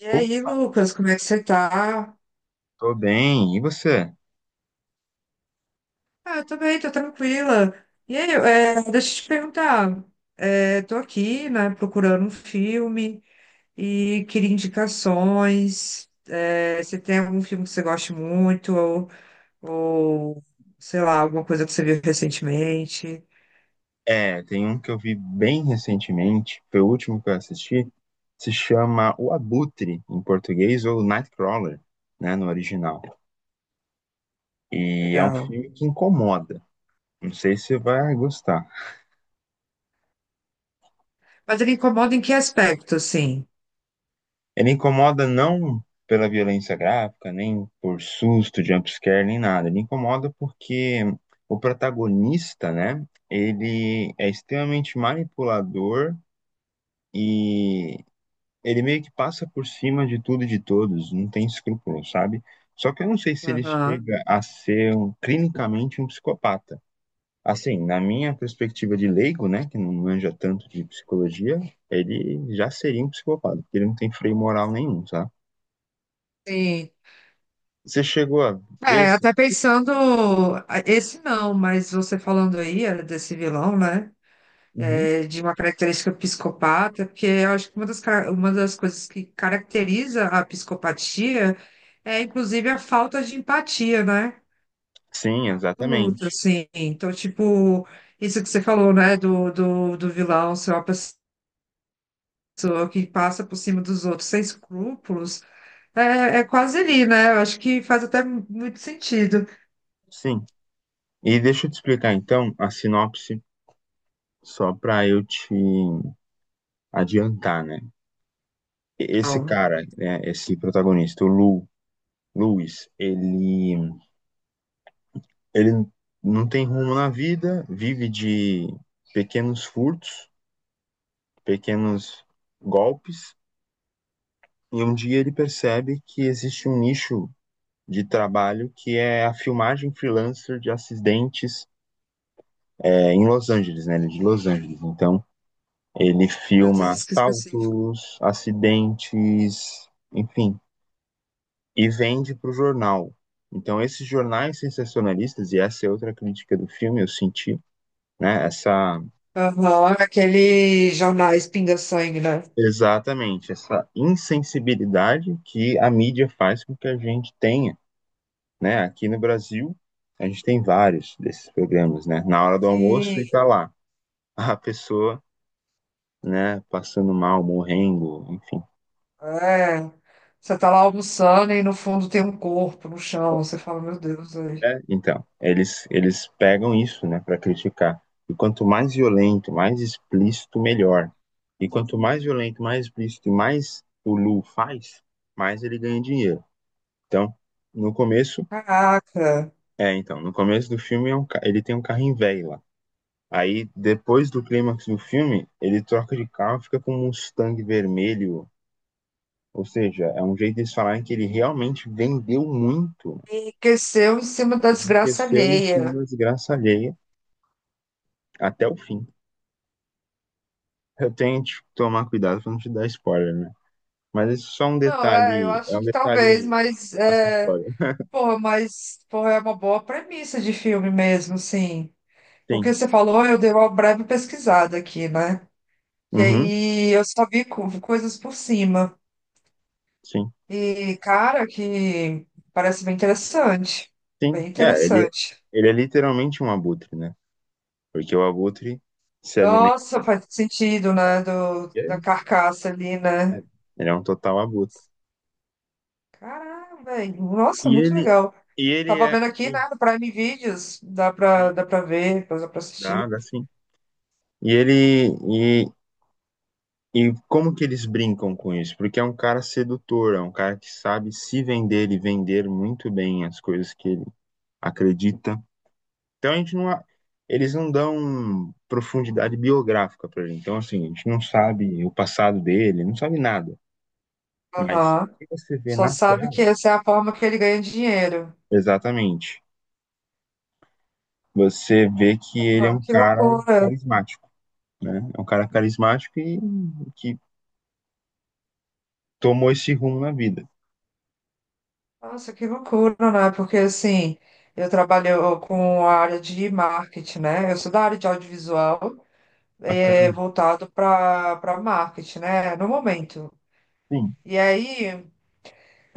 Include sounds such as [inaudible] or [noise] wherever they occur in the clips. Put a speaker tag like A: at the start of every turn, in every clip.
A: E
B: Pô,
A: aí, Lucas, como é que você tá?
B: tô bem, e você?
A: Ah, eu tô bem, tô tranquila. E aí, deixa eu te perguntar. Tô aqui, né, procurando um filme e queria indicações. Você tem algum filme que você goste muito ou, sei lá, alguma coisa que você viu recentemente?
B: É, tem um que eu vi bem recentemente, foi o último que eu assisti, se chama O Abutre, em português, ou Nightcrawler, né, no original. E é um
A: Legal.
B: filme que incomoda, não sei se você vai gostar.
A: Mas ele incomoda em que aspecto, assim?
B: Ele incomoda não pela violência gráfica, nem por susto, jumpscare, nem nada. Ele incomoda porque o protagonista, né, ele é extremamente manipulador, e ele meio que passa por cima de tudo e de todos, não tem escrúpulo, sabe? Só que eu não sei se ele
A: Aham.
B: chega a ser clinicamente um psicopata. Assim, na minha perspectiva de leigo, né, que não manja tanto de psicologia, ele já seria um psicopata, porque ele não tem freio moral nenhum, sabe?
A: Sim.
B: Você chegou a ver
A: É,
B: esse?
A: até pensando, ah, esse não, mas você falando aí, era desse vilão, né?
B: Uhum.
A: De uma característica psicopata, porque eu acho que uma uma das coisas que caracteriza a psicopatia é, inclusive, a falta de empatia, né?
B: Sim,
A: A luta,
B: exatamente.
A: assim. Então, tipo, isso que você falou, né, do vilão ser uma pessoa que passa por cima dos outros sem escrúpulos, é quase ali, né? Eu acho que faz até muito sentido.
B: Sim. E deixa eu te explicar então a sinopse, só para eu te adiantar, né? Esse
A: Calma.
B: cara, né, esse protagonista, o Luiz, ele não tem rumo na vida, vive de pequenos furtos, pequenos golpes, e um dia ele percebe que existe um nicho de trabalho que é a filmagem freelancer de acidentes em Los Angeles, né? Ele é de Los Angeles. Então, ele
A: Meu
B: filma
A: Deus, que específico.
B: assaltos, acidentes, enfim, e vende para o jornal. Então, esses jornais sensacionalistas, e essa é outra crítica do filme, eu senti, né?
A: Aham, aquele jornais pinga-sangue, né?
B: Exatamente, essa insensibilidade que a mídia faz com que a gente tenha, né? Aqui no Brasil, a gente tem vários desses programas, né? Na hora do almoço e
A: Sim,
B: tá lá a pessoa, né? Passando mal, morrendo, enfim.
A: é, você tá lá almoçando e no fundo tem um corpo no chão. Você fala, meu Deus, aí.
B: É, então, eles pegam isso, né? Para criticar. E quanto mais violento, mais explícito, melhor. E quanto mais violento, mais explícito e mais o Lu faz, mais ele ganha dinheiro. Então, no começo
A: Caraca,
B: então, no começo do filme ele tem um carrinho velho lá. Aí, depois do clímax do filme, ele troca de carro e fica com um Mustang vermelho. Ou seja, é um jeito deles falarem que ele realmente vendeu muito, né?
A: enriqueceu em cima da desgraça
B: Enriqueceu em cima
A: alheia.
B: da desgraça alheia até o fim. Eu tenho que tomar cuidado pra não te dar spoiler, né? Mas isso é só, é um
A: Não, é, eu
B: detalhe, é
A: acho
B: um
A: que talvez,
B: detalhe
A: mas é,
B: acessório.
A: porra, mas porra, é uma boa premissa de filme mesmo, sim. Porque
B: Sim.
A: você falou, eu dei uma breve pesquisada aqui, né? E
B: Uhum.
A: aí eu só vi coisas por cima.
B: Sim,
A: E, cara, que parece bem interessante.
B: sim.
A: Bem
B: É, ele,
A: interessante.
B: ele é literalmente um abutre, né? Porque o abutre se alimenta,
A: Nossa, faz sentido,
B: né?
A: né? Do,
B: E é
A: da
B: isso.
A: carcaça ali,
B: É,
A: né?
B: Ele é um total abutre.
A: Caramba, velho. Nossa,
B: E
A: muito
B: ele,
A: legal.
B: e ele
A: Tava
B: é.
A: vendo aqui,
B: Sim,
A: né, no Prime Videos,
B: sim,
A: dá pra ver, dá pra
B: dá,
A: assistir.
B: dá sim. E ele. E, e como que eles brincam com isso? Porque é um cara sedutor, é um cara que sabe se vender e vender muito bem as coisas que ele acredita. Então a gente não. Eles não dão profundidade biográfica pra gente. Então, assim, a gente não sabe o passado dele, não sabe nada. Mas o
A: Aham.
B: que você vê
A: Só
B: na
A: sabe
B: tela,
A: que essa é a forma que ele ganha dinheiro.
B: exatamente, você vê que ele é
A: Mano,
B: um
A: que
B: cara
A: loucura.
B: carismático. Né? É um cara carismático e que tomou esse rumo na vida.
A: Nossa, que loucura, né? Porque assim, eu trabalho com a área de marketing, né? Eu sou da área de audiovisual, é,
B: Bacana,
A: voltado para marketing, né? No momento.
B: sim,
A: E aí.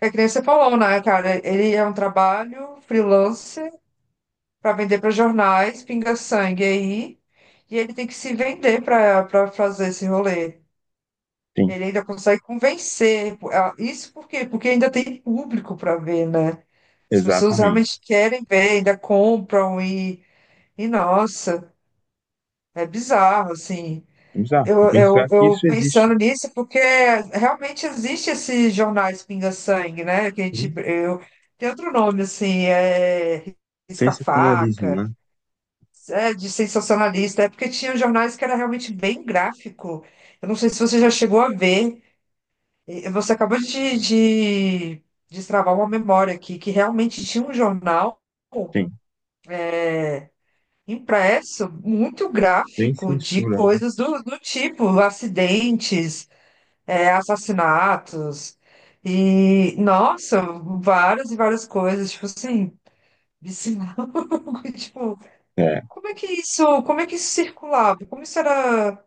A: É que nem você falou, né, cara? Ele é um trabalho freelance para vender para jornais, pinga-sangue aí, e ele tem que se vender para fazer esse rolê.
B: sim,
A: Ele ainda consegue convencer. Ah, isso por quê? Porque ainda tem público para ver, né? As pessoas
B: exatamente.
A: realmente querem ver, ainda compram e nossa, é bizarro, assim.
B: Vamos lá, e
A: Eu, eu,
B: pensar que
A: eu
B: isso existe.
A: pensando nisso, porque realmente existe esse jornais Pinga-Sangue, né? Que a gente,
B: Sim.
A: eu, tem outro nome, assim, é
B: Sensacionalismo,
A: risca-faca,
B: né?
A: é, de sensacionalista, é porque tinha jornais que era realmente bem gráfico. Eu não sei se você já chegou a ver, e você acabou de destravar uma memória aqui, que realmente tinha um jornal
B: Sim,
A: impresso muito
B: sem
A: gráfico de
B: censura, né?
A: coisas do tipo acidentes, é, assassinatos e, nossa, várias e várias coisas, tipo assim, vicinal, [laughs] tipo,
B: É,
A: como é que isso, como é que isso circulava? Como isso era,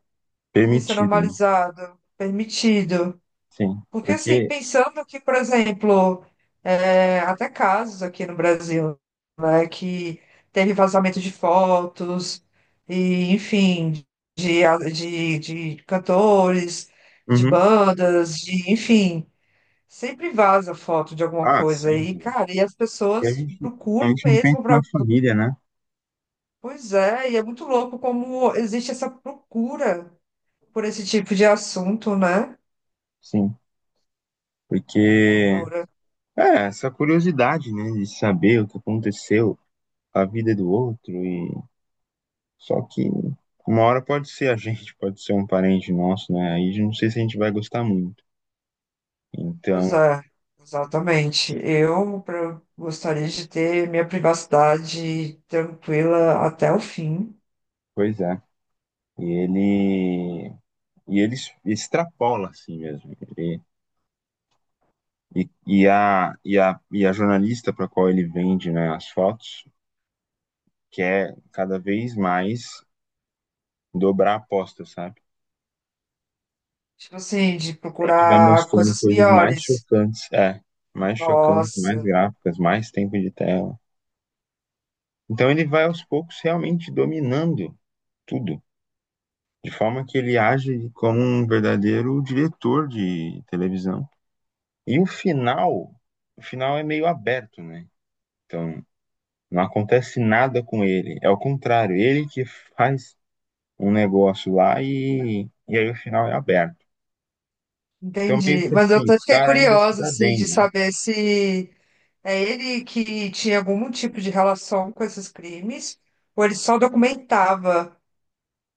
A: isso é
B: permitido, né?
A: normalizado, permitido?
B: Sim,
A: Porque, assim,
B: porque,
A: pensando que, por exemplo, é, até casos aqui no Brasil, né, que teve vazamento de fotos e, enfim, de, de cantores, de
B: uhum.
A: bandas, de, enfim, sempre vaza foto de alguma
B: Ah,
A: coisa e,
B: sempre, né?
A: cara, e as
B: E a
A: pessoas
B: gente, a
A: procuram
B: gente não pensa
A: mesmo
B: na
A: para.
B: família, né?
A: Pois é, e é muito louco como existe essa procura por esse tipo de assunto, né?
B: Sim, porque
A: Procura.
B: é essa curiosidade, né, de saber o que aconteceu, a vida do outro. E só que uma hora pode ser a gente, [laughs] pode ser um parente nosso, né? Aí eu não sei se a gente vai gostar muito.
A: Pois
B: Então,
A: é, exatamente. Eu gostaria de ter minha privacidade tranquila até o fim.
B: pois é. E ele e ele extrapola assim mesmo. E a jornalista para qual ele vende, né, as fotos, quer cada vez mais dobrar a aposta, sabe?
A: Tipo assim, de
B: Sempre vai
A: procurar
B: mostrando
A: coisas
B: coisas mais
A: piores.
B: chocantes, mais chocantes, mais
A: Nossa.
B: gráficas, mais tempo de tela. Então ele vai aos poucos realmente dominando tudo, de forma que ele age como um verdadeiro diretor de televisão. E o final é meio aberto, né? Então, não acontece nada com ele. É o contrário, ele que faz um negócio lá, e aí o final é aberto. Então, meio
A: Entendi.
B: que
A: Mas eu
B: assim, o
A: até fiquei
B: cara ainda se
A: curiosa,
B: dá
A: assim,
B: bem,
A: de
B: né?
A: saber se é ele que tinha algum tipo de relação com esses crimes, ou ele só documentava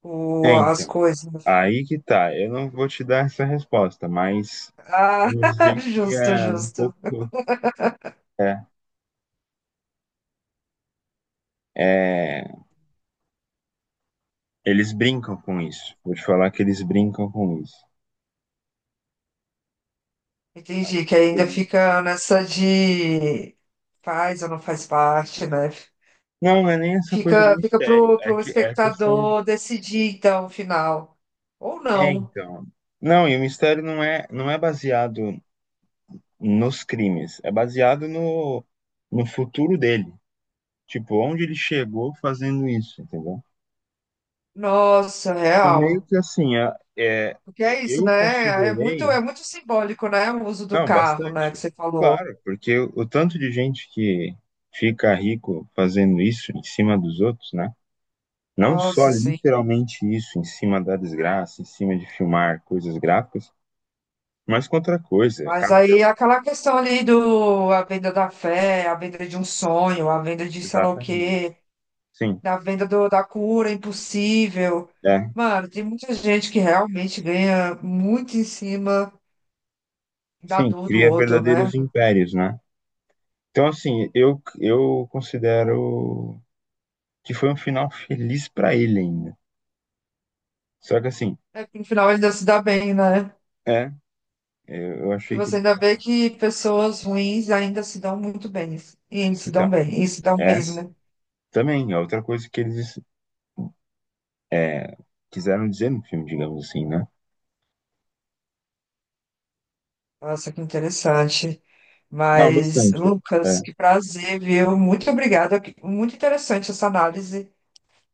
A: o,
B: É,
A: as
B: então,
A: coisas.
B: aí que tá. Eu não vou te dar essa resposta, mas
A: Ah,
B: vamos
A: [laughs]
B: dizer que
A: justo,
B: é um
A: justo.
B: pouco. É, é, eles brincam com isso. Vou te falar que eles brincam com isso.
A: Entendi, que ainda fica nessa de faz ou não faz parte, né?
B: Não, não é nem essa coisa do
A: Fica, fica
B: mistério,
A: pro,
B: é
A: pro
B: que é a questão de
A: espectador decidir, então, o final. Ou
B: é
A: não.
B: então. Não, e o mistério não é baseado nos crimes, é baseado no futuro dele, tipo, onde ele chegou fazendo isso, entendeu?
A: Nossa,
B: Então meio
A: real.
B: que assim,
A: Porque é isso,
B: eu
A: né?
B: considerei,
A: É muito simbólico, né? O uso do
B: não,
A: carro, né? Que
B: bastante.
A: você falou.
B: Claro, porque o tanto de gente que fica rico fazendo isso em cima dos outros, né? Não só
A: Nossa, sim.
B: literalmente isso, em cima da desgraça, em cima de filmar coisas gráficas, mas com outra coisa,
A: Mas
B: casa de...
A: aí aquela questão ali do a venda da fé, a venda de um sonho, a venda de sei lá o
B: Exatamente.
A: quê,
B: Sim,
A: da venda do, da cura impossível.
B: é.
A: Mano, tem muita gente que realmente ganha muito em cima da
B: Sim,
A: dor do
B: cria
A: outro, né?
B: verdadeiros impérios, né? Então, assim, eu considero que foi um final feliz pra ele ainda. Só que, assim,
A: É que no final ainda se dá bem, né?
B: é, eu
A: Que
B: achei que
A: você
B: eles.
A: ainda vê que pessoas ruins ainda se dão muito bem. E se dão
B: Então,
A: bem, e se dão
B: essa
A: mesmo.
B: também é outra coisa que eles quiseram dizer no filme, digamos assim, né?
A: Nossa, que interessante.
B: Não,
A: Mas,
B: bastante. É.
A: Lucas, que prazer, viu? Muito obrigada. Muito interessante essa análise.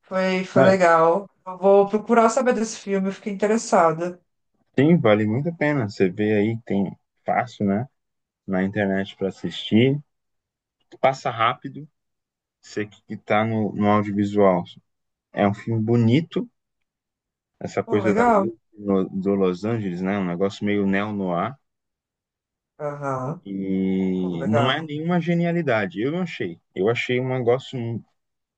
A: Foi, foi
B: Ah,
A: legal. Eu vou procurar saber desse filme, eu fiquei interessada.
B: sim, vale muito a pena. Você vê aí, tem fácil, né? Na internet pra assistir. Passa rápido, você que tá no audiovisual. É um filme bonito, essa
A: Pô,
B: coisa da
A: legal.
B: noite do Los Angeles, né? Um negócio meio neo-noir.
A: Aham. Pô,
B: E não é
A: legal.
B: nenhuma genialidade, eu não achei. Eu achei um negócio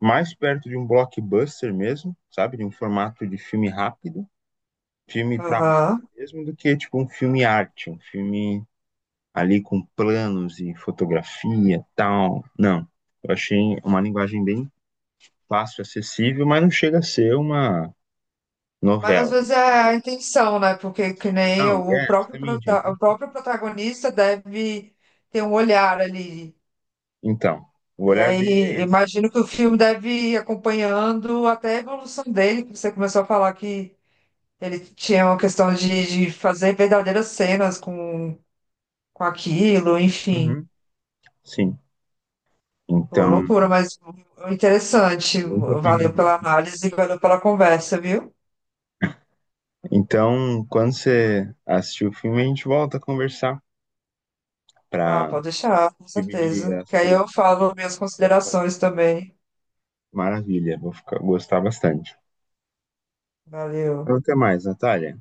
B: mais perto de um blockbuster mesmo, sabe? De um formato de filme rápido, filme pra massa
A: Aham.
B: mesmo, do que tipo um filme arte, um filme ali com planos e fotografia, tal. Não, eu achei uma linguagem bem fácil, acessível, mas não chega a ser uma
A: Mas às
B: novela.
A: vezes é a intenção, né? Porque que nem
B: Não,
A: o
B: é,
A: próprio,
B: justamente,
A: o
B: é
A: próprio protagonista deve ter um olhar ali.
B: Então, o
A: E
B: olhar dele é
A: aí,
B: esse.
A: imagino que o filme deve ir acompanhando até a evolução dele, que você começou a falar que ele tinha uma questão de fazer verdadeiras cenas com aquilo, enfim.
B: Uhum. Sim.
A: Pô,
B: Então,
A: loucura, mas interessante.
B: muito a pena
A: Valeu
B: ver.
A: pela análise, valeu pela conversa, viu?
B: Então, quando você assistir o filme, a gente volta a conversar
A: Ah,
B: para
A: pode deixar, com
B: dividir
A: certeza.
B: a
A: Que aí
B: sua
A: eu falo minhas
B: impressão.
A: considerações também.
B: Maravilha, vou ficar, gostar bastante. Então,
A: Valeu.
B: até mais, Natália.